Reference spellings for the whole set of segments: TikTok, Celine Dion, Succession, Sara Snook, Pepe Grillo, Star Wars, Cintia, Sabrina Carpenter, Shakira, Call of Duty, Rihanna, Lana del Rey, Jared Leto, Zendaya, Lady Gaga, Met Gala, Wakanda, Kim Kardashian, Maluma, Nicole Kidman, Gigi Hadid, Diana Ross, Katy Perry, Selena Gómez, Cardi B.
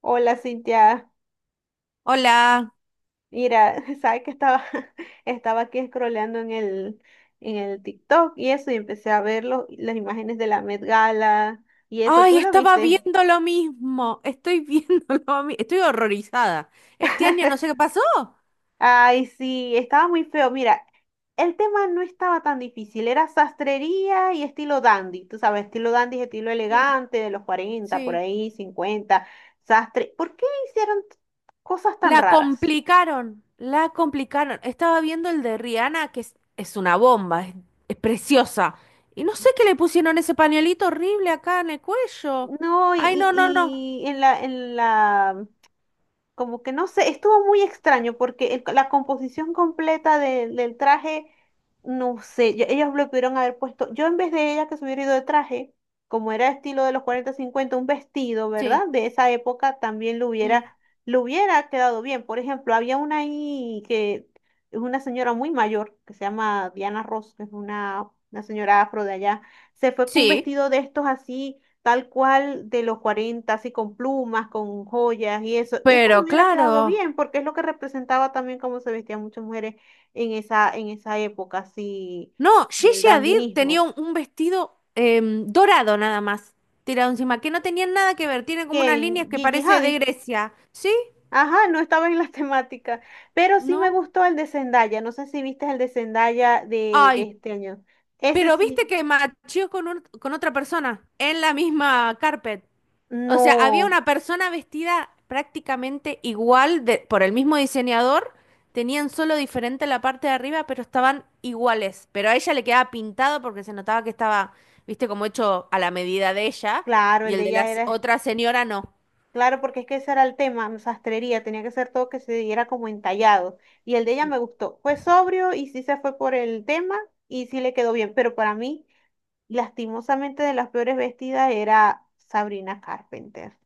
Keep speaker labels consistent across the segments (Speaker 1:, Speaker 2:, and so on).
Speaker 1: Hola Cintia,
Speaker 2: Hola.
Speaker 1: mira, sabes que estaba, estaba aquí scrolleando en el TikTok y eso, y empecé a ver las imágenes de la Met Gala y eso, ¿tú
Speaker 2: Ay,
Speaker 1: lo
Speaker 2: estaba
Speaker 1: viste?
Speaker 2: viendo lo mismo. Estoy viendo lo mismo. Estoy horrorizada. Este año no sé qué pasó.
Speaker 1: Ay, sí, estaba muy feo. Mira, el tema no estaba tan difícil, era sastrería y estilo dandy, tú sabes, estilo dandy es estilo
Speaker 2: Sí,
Speaker 1: elegante de los cuarenta por
Speaker 2: sí.
Speaker 1: ahí, 50 sastre. ¿Por qué hicieron cosas tan
Speaker 2: La
Speaker 1: raras?
Speaker 2: complicaron. La complicaron. Estaba viendo el de Rihanna, que es una bomba. Es preciosa. Y no sé qué le pusieron ese pañuelito horrible acá en el cuello.
Speaker 1: No, y,
Speaker 2: Ay, no, no, no.
Speaker 1: y, y en la como que no sé, estuvo muy extraño porque la composición completa del traje, no sé, ellos lo pudieron haber puesto, yo en vez de ella que se hubiera ido de traje, como era estilo de los 40 50 un vestido,
Speaker 2: Sí.
Speaker 1: ¿verdad? De esa época también lo
Speaker 2: Mm.
Speaker 1: hubiera, lo hubiera quedado bien. Por ejemplo, había una ahí que es una señora muy mayor, que se llama Diana Ross, que es una señora afro de allá, se fue con un
Speaker 2: Sí,
Speaker 1: vestido de estos así tal cual de los 40 así con plumas, con joyas y eso. Esto le
Speaker 2: pero
Speaker 1: hubiera quedado
Speaker 2: claro.
Speaker 1: bien porque es lo que representaba también cómo se vestían muchas mujeres en esa época, así,
Speaker 2: No,
Speaker 1: el
Speaker 2: Gigi Hadid tenía
Speaker 1: dandinismo.
Speaker 2: un vestido dorado nada más, tirado encima, que no tenía nada que ver, tiene
Speaker 1: Que
Speaker 2: como unas líneas
Speaker 1: en
Speaker 2: que
Speaker 1: Gigi
Speaker 2: parece de
Speaker 1: Hadid,
Speaker 2: Grecia. ¿Sí?
Speaker 1: ajá, no estaba en la temática, pero sí me
Speaker 2: ¿No?
Speaker 1: gustó el de Zendaya, no sé si viste el de Zendaya de
Speaker 2: Ay,
Speaker 1: este año. Ese
Speaker 2: pero viste
Speaker 1: sí,
Speaker 2: que machió con, con otra persona en la misma carpet. O sea, había
Speaker 1: no,
Speaker 2: una persona vestida prácticamente igual por el mismo diseñador, tenían solo diferente la parte de arriba, pero estaban iguales. Pero a ella le quedaba pintado porque se notaba que estaba, viste, como hecho a la medida de ella,
Speaker 1: claro,
Speaker 2: y
Speaker 1: el
Speaker 2: el
Speaker 1: de
Speaker 2: de la
Speaker 1: ella era.
Speaker 2: otra señora no.
Speaker 1: Claro, porque es que ese era el tema, sastrería, tenía que ser todo que se diera como entallado. Y el de ella me gustó. Fue sobrio y sí se fue por el tema y sí le quedó bien. Pero para mí, lastimosamente, de las peores vestidas era Sabrina Carpenter.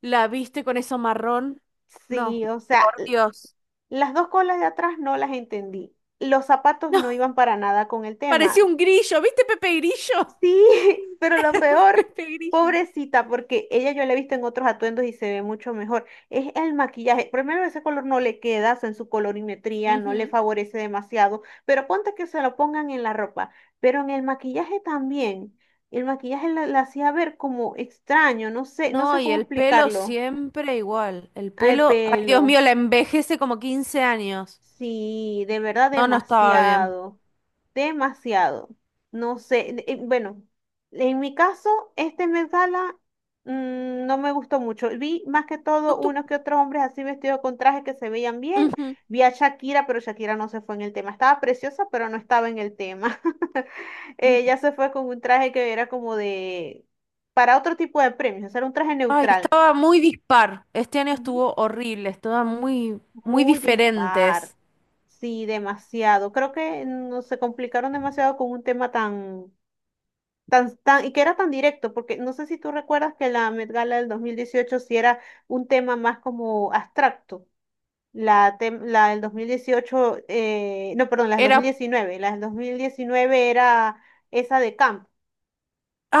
Speaker 2: ¿La viste con eso marrón? No,
Speaker 1: Sí, o sea,
Speaker 2: por Dios.
Speaker 1: las dos colas de atrás no las entendí. Los zapatos
Speaker 2: No,
Speaker 1: no iban para nada con el
Speaker 2: parecía
Speaker 1: tema.
Speaker 2: un grillo, ¿viste Pepe Grillo?
Speaker 1: Sí, pero lo peor,
Speaker 2: Pepe Grillo.
Speaker 1: pobrecita, porque ella yo la he visto en otros atuendos y se ve mucho mejor. Es el maquillaje. Primero, ese color no le queda, o sea, en su colorimetría no le
Speaker 2: Ujú.
Speaker 1: favorece demasiado, pero ponte que se lo pongan en la ropa. Pero en el maquillaje también. El maquillaje la hacía ver como extraño, no sé, no
Speaker 2: No,
Speaker 1: sé
Speaker 2: y
Speaker 1: cómo
Speaker 2: el pelo
Speaker 1: explicarlo.
Speaker 2: siempre igual. El
Speaker 1: Al
Speaker 2: pelo, ay Dios mío,
Speaker 1: pelo.
Speaker 2: la envejece como 15 años.
Speaker 1: Sí, de verdad
Speaker 2: No, no estaba bien.
Speaker 1: demasiado, demasiado. No sé, bueno, en mi caso, este Met Gala no me gustó mucho. Vi más que
Speaker 2: No
Speaker 1: todo
Speaker 2: tu-
Speaker 1: unos que otros hombres así vestidos con trajes que se veían bien. Vi a Shakira, pero Shakira no se fue en el tema. Estaba preciosa, pero no estaba en el tema. Ella
Speaker 2: Ujú.
Speaker 1: se fue con un traje que era como para otro tipo de premios, o sea, era un traje
Speaker 2: Ay,
Speaker 1: neutral.
Speaker 2: estaba muy dispar. Este año estuvo horrible, estaban muy, muy
Speaker 1: Muy dispar.
Speaker 2: diferentes.
Speaker 1: Sí, demasiado. Creo que no se complicaron demasiado con un tema tan, y que era tan directo, porque no sé si tú recuerdas que la Met Gala del 2018 sí era un tema más como abstracto. La, la del 2018, no, perdón, la del
Speaker 2: Era,
Speaker 1: 2019. La del 2019 era esa de Camp,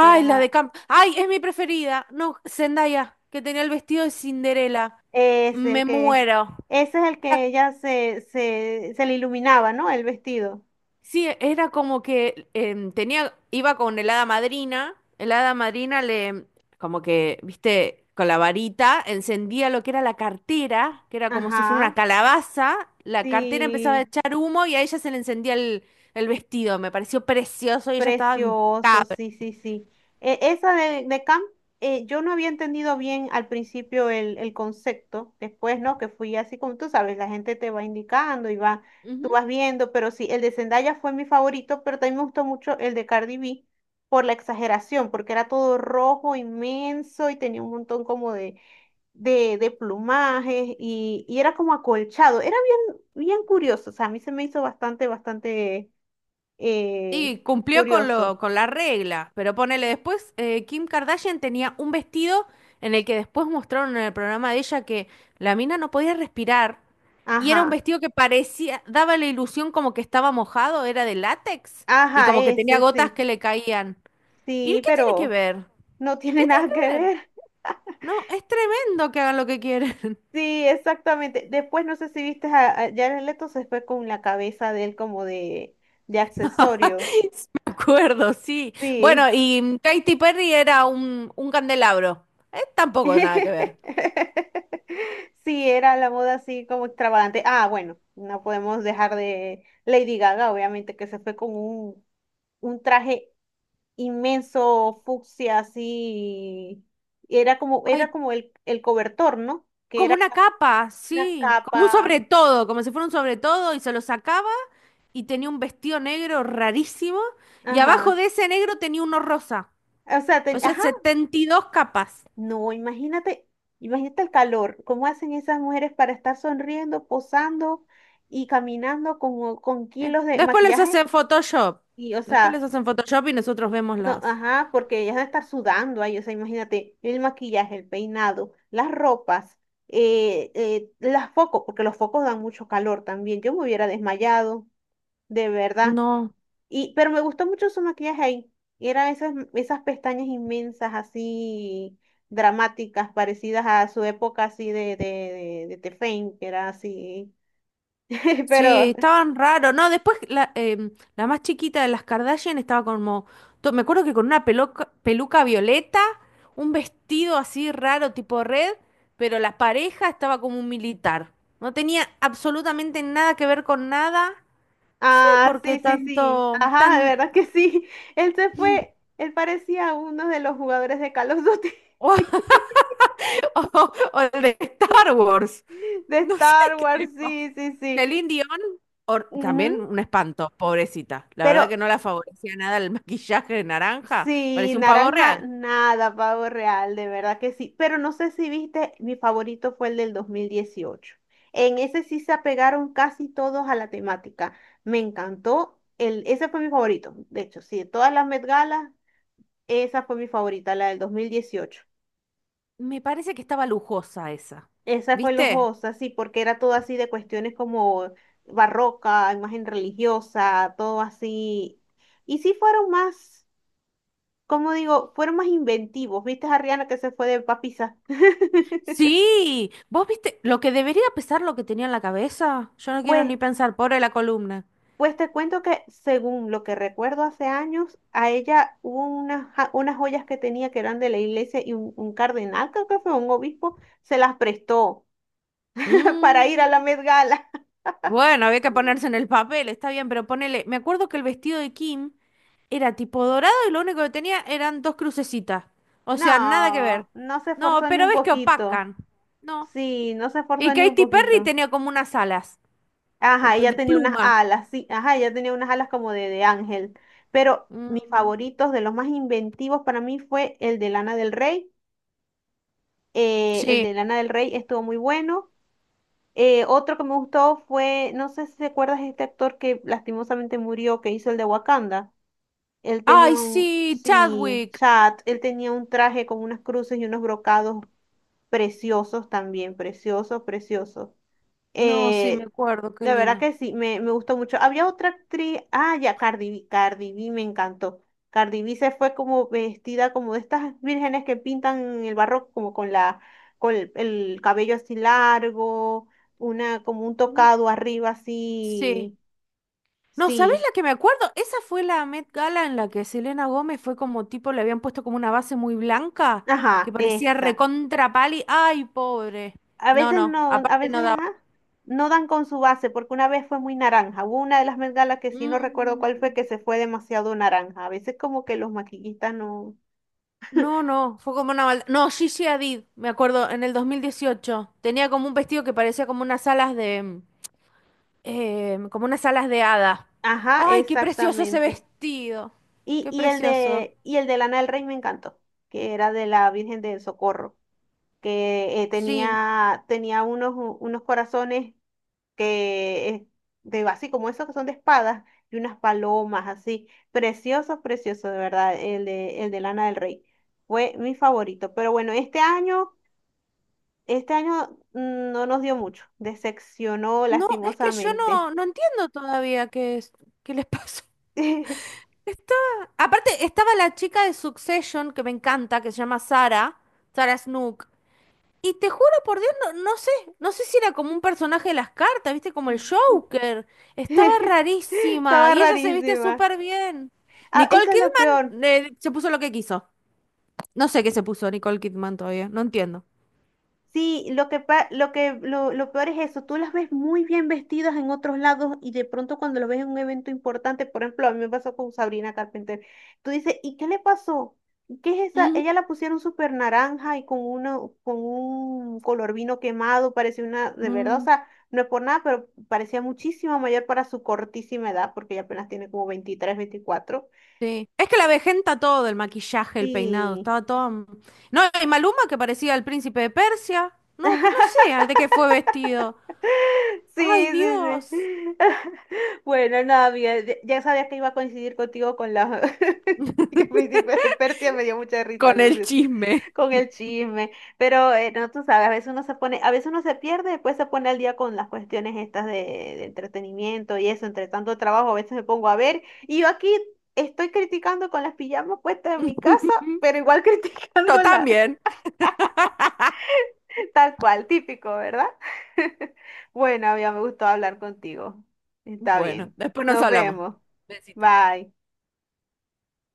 Speaker 1: que
Speaker 2: la de
Speaker 1: era,
Speaker 2: Camp. Ay, es mi preferida. No, Zendaya, que tenía el vestido de Cinderela.
Speaker 1: es el
Speaker 2: Me
Speaker 1: que,
Speaker 2: muero.
Speaker 1: ese es el que ella se le iluminaba, ¿no? El vestido.
Speaker 2: Sí, era como que tenía, iba con el hada madrina le, como que, viste, con la varita encendía lo que era la cartera, que era como si fuera una
Speaker 1: Ajá.
Speaker 2: calabaza, la cartera empezaba a
Speaker 1: Sí.
Speaker 2: echar humo y a ella se le encendía el vestido, me pareció precioso y ella estaba en-
Speaker 1: Precioso, sí, sí, sí. Esa de camp, yo no había entendido bien al principio el concepto, después, ¿no? Que fui así como tú sabes, la gente te va indicando y va, tú
Speaker 2: Ujú.
Speaker 1: vas viendo, pero sí, el de Zendaya fue mi favorito, pero también me gustó mucho el de Cardi B por la exageración, porque era todo rojo, inmenso y tenía un montón como de plumajes y era como acolchado, era bien, bien curioso, o sea, a mí se me hizo bastante eh,
Speaker 2: Y cumplió con
Speaker 1: curioso.
Speaker 2: lo, con la regla, pero ponele después, Kim Kardashian tenía un vestido en el que después mostraron en el programa de ella que la mina no podía respirar y era un
Speaker 1: Ajá.
Speaker 2: vestido que parecía, daba la ilusión como que estaba mojado, era de látex y
Speaker 1: Ajá,
Speaker 2: como que tenía
Speaker 1: ese
Speaker 2: gotas
Speaker 1: sí.
Speaker 2: que le caían. ¿Y
Speaker 1: Sí,
Speaker 2: qué tiene que
Speaker 1: pero
Speaker 2: ver? A
Speaker 1: no tiene nada que
Speaker 2: ver,
Speaker 1: ver.
Speaker 2: no, es tremendo que hagan lo que quieren.
Speaker 1: Sí, exactamente. Después no sé si viste a Jared Leto se fue con la cabeza de él como de accesorio.
Speaker 2: Sí, me acuerdo, sí. Bueno,
Speaker 1: Sí.
Speaker 2: y Katy Perry era un candelabro. Tampoco nada que ver.
Speaker 1: Sí, era la moda así como extravagante. Ah, bueno, no podemos dejar de Lady Gaga, obviamente, que se fue con un traje inmenso, fucsia, así. Y Era como, era
Speaker 2: Ay,
Speaker 1: como el cobertor, ¿no? Que
Speaker 2: como
Speaker 1: era
Speaker 2: una capa,
Speaker 1: una
Speaker 2: sí, como un
Speaker 1: capa.
Speaker 2: sobre todo, como si fuera un sobre todo y se lo sacaba y tenía un vestido negro rarísimo y abajo
Speaker 1: Ajá.
Speaker 2: de ese negro tenía uno rosa,
Speaker 1: O sea,
Speaker 2: o sea,
Speaker 1: ajá.
Speaker 2: 72 capas.
Speaker 1: No, imagínate, imagínate el calor. ¿Cómo hacen esas mujeres para estar sonriendo, posando y caminando con kilos de
Speaker 2: Después les
Speaker 1: maquillaje?
Speaker 2: hacen Photoshop,
Speaker 1: Y, o
Speaker 2: después les
Speaker 1: sea,
Speaker 2: hacen Photoshop y nosotros vemos
Speaker 1: no,
Speaker 2: las...
Speaker 1: ajá, porque ella está sudando ahí, o sea, imagínate, el maquillaje, el peinado, las ropas, las focos, porque los focos dan mucho calor también. Yo me hubiera desmayado, de verdad.
Speaker 2: No.
Speaker 1: Y, pero me, gustó mucho su maquillaje ahí. Eran esas pestañas inmensas, así dramáticas, parecidas a su época así de Fame que era así.
Speaker 2: Sí,
Speaker 1: Pero
Speaker 2: estaban raros. No, después la, la más chiquita de las Kardashian estaba como. Me acuerdo que con una peluca, peluca violeta, un vestido así raro, tipo red, pero la pareja estaba como un militar. No tenía absolutamente nada que ver con nada. No sé
Speaker 1: ah,
Speaker 2: por qué
Speaker 1: sí, sí, sí.
Speaker 2: tanto.
Speaker 1: Ajá, de
Speaker 2: Tan.
Speaker 1: verdad que sí. Él se fue, él parecía uno de los jugadores de Call of Duty,
Speaker 2: O, o el de Star Wars.
Speaker 1: de
Speaker 2: No sé
Speaker 1: Star
Speaker 2: qué
Speaker 1: Wars,
Speaker 2: le pasa.
Speaker 1: sí, sí, sí.
Speaker 2: Celine Dion,
Speaker 1: Ujú.
Speaker 2: también un espanto, pobrecita. La
Speaker 1: Pero
Speaker 2: verdad que no la favorecía nada el maquillaje de naranja,
Speaker 1: sí,
Speaker 2: parecía un pavo
Speaker 1: naranja,
Speaker 2: real.
Speaker 1: nada, pavo real, de verdad que sí. Pero no sé si viste, mi favorito fue el del 2018. En ese sí se apegaron casi todos a la temática. Me encantó. El, ese fue mi favorito. De hecho, sí, de todas las Met Gala, esa fue mi favorita, la del 2018.
Speaker 2: Me parece que estaba lujosa esa.
Speaker 1: Esa fue
Speaker 2: ¿Viste?
Speaker 1: lujosa, sí, porque era todo así de cuestiones como barroca, imagen religiosa, todo así. Y sí fueron más, como digo, fueron más inventivos. ¿Viste a Rihanna que se fue de papisa?
Speaker 2: Sí, vos viste lo que debería pesar lo que tenía en la cabeza. Yo no quiero
Speaker 1: Pues,
Speaker 2: ni pensar, pobre la columna.
Speaker 1: pues te cuento que según lo que recuerdo hace años, a ella hubo unas, unas joyas que tenía que eran de la iglesia y un cardenal, creo que fue un obispo, se las prestó para ir a la
Speaker 2: Mm.
Speaker 1: Met Gala.
Speaker 2: Bueno, había que ponerse en el papel, está bien, pero ponele. Me acuerdo que el vestido de Kim era tipo dorado y lo único que tenía eran dos crucecitas. O sea, nada que
Speaker 1: No,
Speaker 2: ver.
Speaker 1: no se
Speaker 2: No,
Speaker 1: esforzó ni
Speaker 2: pero
Speaker 1: un
Speaker 2: ves que
Speaker 1: poquito.
Speaker 2: opacan. No.
Speaker 1: Sí, no se
Speaker 2: Y
Speaker 1: esforzó ni un
Speaker 2: Katy Perry
Speaker 1: poquito.
Speaker 2: tenía como unas alas
Speaker 1: Ajá, ella
Speaker 2: de
Speaker 1: tenía unas
Speaker 2: pluma.
Speaker 1: alas, sí, ajá, ella tenía unas alas como de ángel. Pero mis
Speaker 2: Mm,
Speaker 1: favoritos, de los más inventivos para mí fue el de Lana del Rey. El
Speaker 2: sí.
Speaker 1: de Lana del Rey estuvo muy bueno. Otro que me gustó fue, no sé si te acuerdas de este actor que lastimosamente murió, que hizo el de Wakanda. Él tenía
Speaker 2: Ay,
Speaker 1: un,
Speaker 2: sí,
Speaker 1: sí,
Speaker 2: Chadwick.
Speaker 1: chat, él tenía un traje con unas cruces y unos brocados preciosos también, preciosos, preciosos.
Speaker 2: No, sí, me
Speaker 1: Eh,
Speaker 2: acuerdo, qué
Speaker 1: de verdad
Speaker 2: lindo.
Speaker 1: que sí, me gustó mucho. Había otra actriz, ah, ya, Cardi B, Cardi B me encantó. Cardi B se fue como vestida como de estas vírgenes que pintan en el barroco, como con la, con el cabello así largo, como un
Speaker 2: Mm,
Speaker 1: tocado arriba
Speaker 2: sí.
Speaker 1: así,
Speaker 2: No, ¿sabés
Speaker 1: sí,
Speaker 2: la que me acuerdo? Esa fue la Met Gala en la que Selena Gómez fue como tipo, le habían puesto como una base muy blanca, que
Speaker 1: ajá,
Speaker 2: parecía
Speaker 1: esa.
Speaker 2: recontra pali. ¡Ay, pobre!
Speaker 1: A
Speaker 2: No,
Speaker 1: veces
Speaker 2: no,
Speaker 1: no, a
Speaker 2: aparte
Speaker 1: veces,
Speaker 2: no daba.
Speaker 1: ajá, no dan con su base, porque una vez fue muy naranja. Hubo una de las bengalas que sí no recuerdo cuál fue,
Speaker 2: Mm,
Speaker 1: que se fue demasiado naranja. A veces como que los maquillistas no.
Speaker 2: no, no, fue como una maldad. No, Gigi Hadid, me acuerdo, en el 2018. Tenía como un vestido que parecía como unas alas de... como unas alas de hada.
Speaker 1: Ajá,
Speaker 2: ¡Ay, qué precioso ese
Speaker 1: exactamente.
Speaker 2: vestido!
Speaker 1: Y,
Speaker 2: ¡Qué
Speaker 1: y el
Speaker 2: precioso!
Speaker 1: de, y el de Lana del Rey me encantó, que era de la Virgen del Socorro, que
Speaker 2: Sí,
Speaker 1: tenía unos corazones que, así como esos que son de espadas, y unas palomas así. Precioso, precioso, de verdad, el de Lana del Rey. Fue mi favorito. Pero bueno, este año no nos dio mucho. Decepcionó
Speaker 2: no, es que yo
Speaker 1: lastimosamente.
Speaker 2: no, no entiendo todavía qué es, qué les pasó. Está, aparte, estaba la chica de Succession que me encanta, que se llama Sara, Sara Snook. Y te juro por Dios, no, no sé, no sé si era como un personaje de las cartas, viste, como el Joker. Estaba rarísima
Speaker 1: Estaba
Speaker 2: y ella se viste
Speaker 1: rarísima.
Speaker 2: súper bien.
Speaker 1: Ah,
Speaker 2: Nicole
Speaker 1: eso es lo peor.
Speaker 2: Kidman se puso lo que quiso. No sé qué se puso Nicole Kidman todavía, no entiendo.
Speaker 1: Sí, lo que pa- lo que lo peor es eso. Tú las ves muy bien vestidas en otros lados y de pronto cuando lo ves en un evento importante, por ejemplo, a mí me pasó con Sabrina Carpenter. Tú dices, ¿y qué le pasó? ¿Qué es esa?
Speaker 2: Ujú.
Speaker 1: Ella la pusieron súper naranja y con con un color vino quemado, parecía una, de verdad, o
Speaker 2: Mm.
Speaker 1: sea, no es por nada, pero parecía muchísimo mayor para su cortísima edad, porque ella apenas tiene como 23, 24.
Speaker 2: Sí. Es que la vejenta todo, el maquillaje, el peinado,
Speaker 1: Sí.
Speaker 2: estaba todo... No, y Maluma que parecía el príncipe de Persia. No, que no sé de qué fue vestido. Ay,
Speaker 1: Sí, sí,
Speaker 2: Dios.
Speaker 1: sí. Bueno, nada, mira, ya sabía que iba a coincidir contigo con la... que Príncipe de Persia me dio mucha risa,
Speaker 2: Con
Speaker 1: lo
Speaker 2: el
Speaker 1: siento,
Speaker 2: chisme.
Speaker 1: con el chisme. Pero, no, tú sabes, a veces uno se pone, a veces uno se pierde, después se pone al día con las cuestiones estas de entretenimiento y eso, entre tanto trabajo, a veces me pongo a ver. Y yo aquí estoy criticando con las pijamas puestas en mi casa, pero igual
Speaker 2: Yo
Speaker 1: criticándola.
Speaker 2: también.
Speaker 1: Tal cual, típico, ¿verdad? Bueno, ya me gustó hablar contigo. Está
Speaker 2: Bueno,
Speaker 1: bien.
Speaker 2: después nos
Speaker 1: Nos
Speaker 2: hablamos.
Speaker 1: vemos.
Speaker 2: Besito.
Speaker 1: Bye.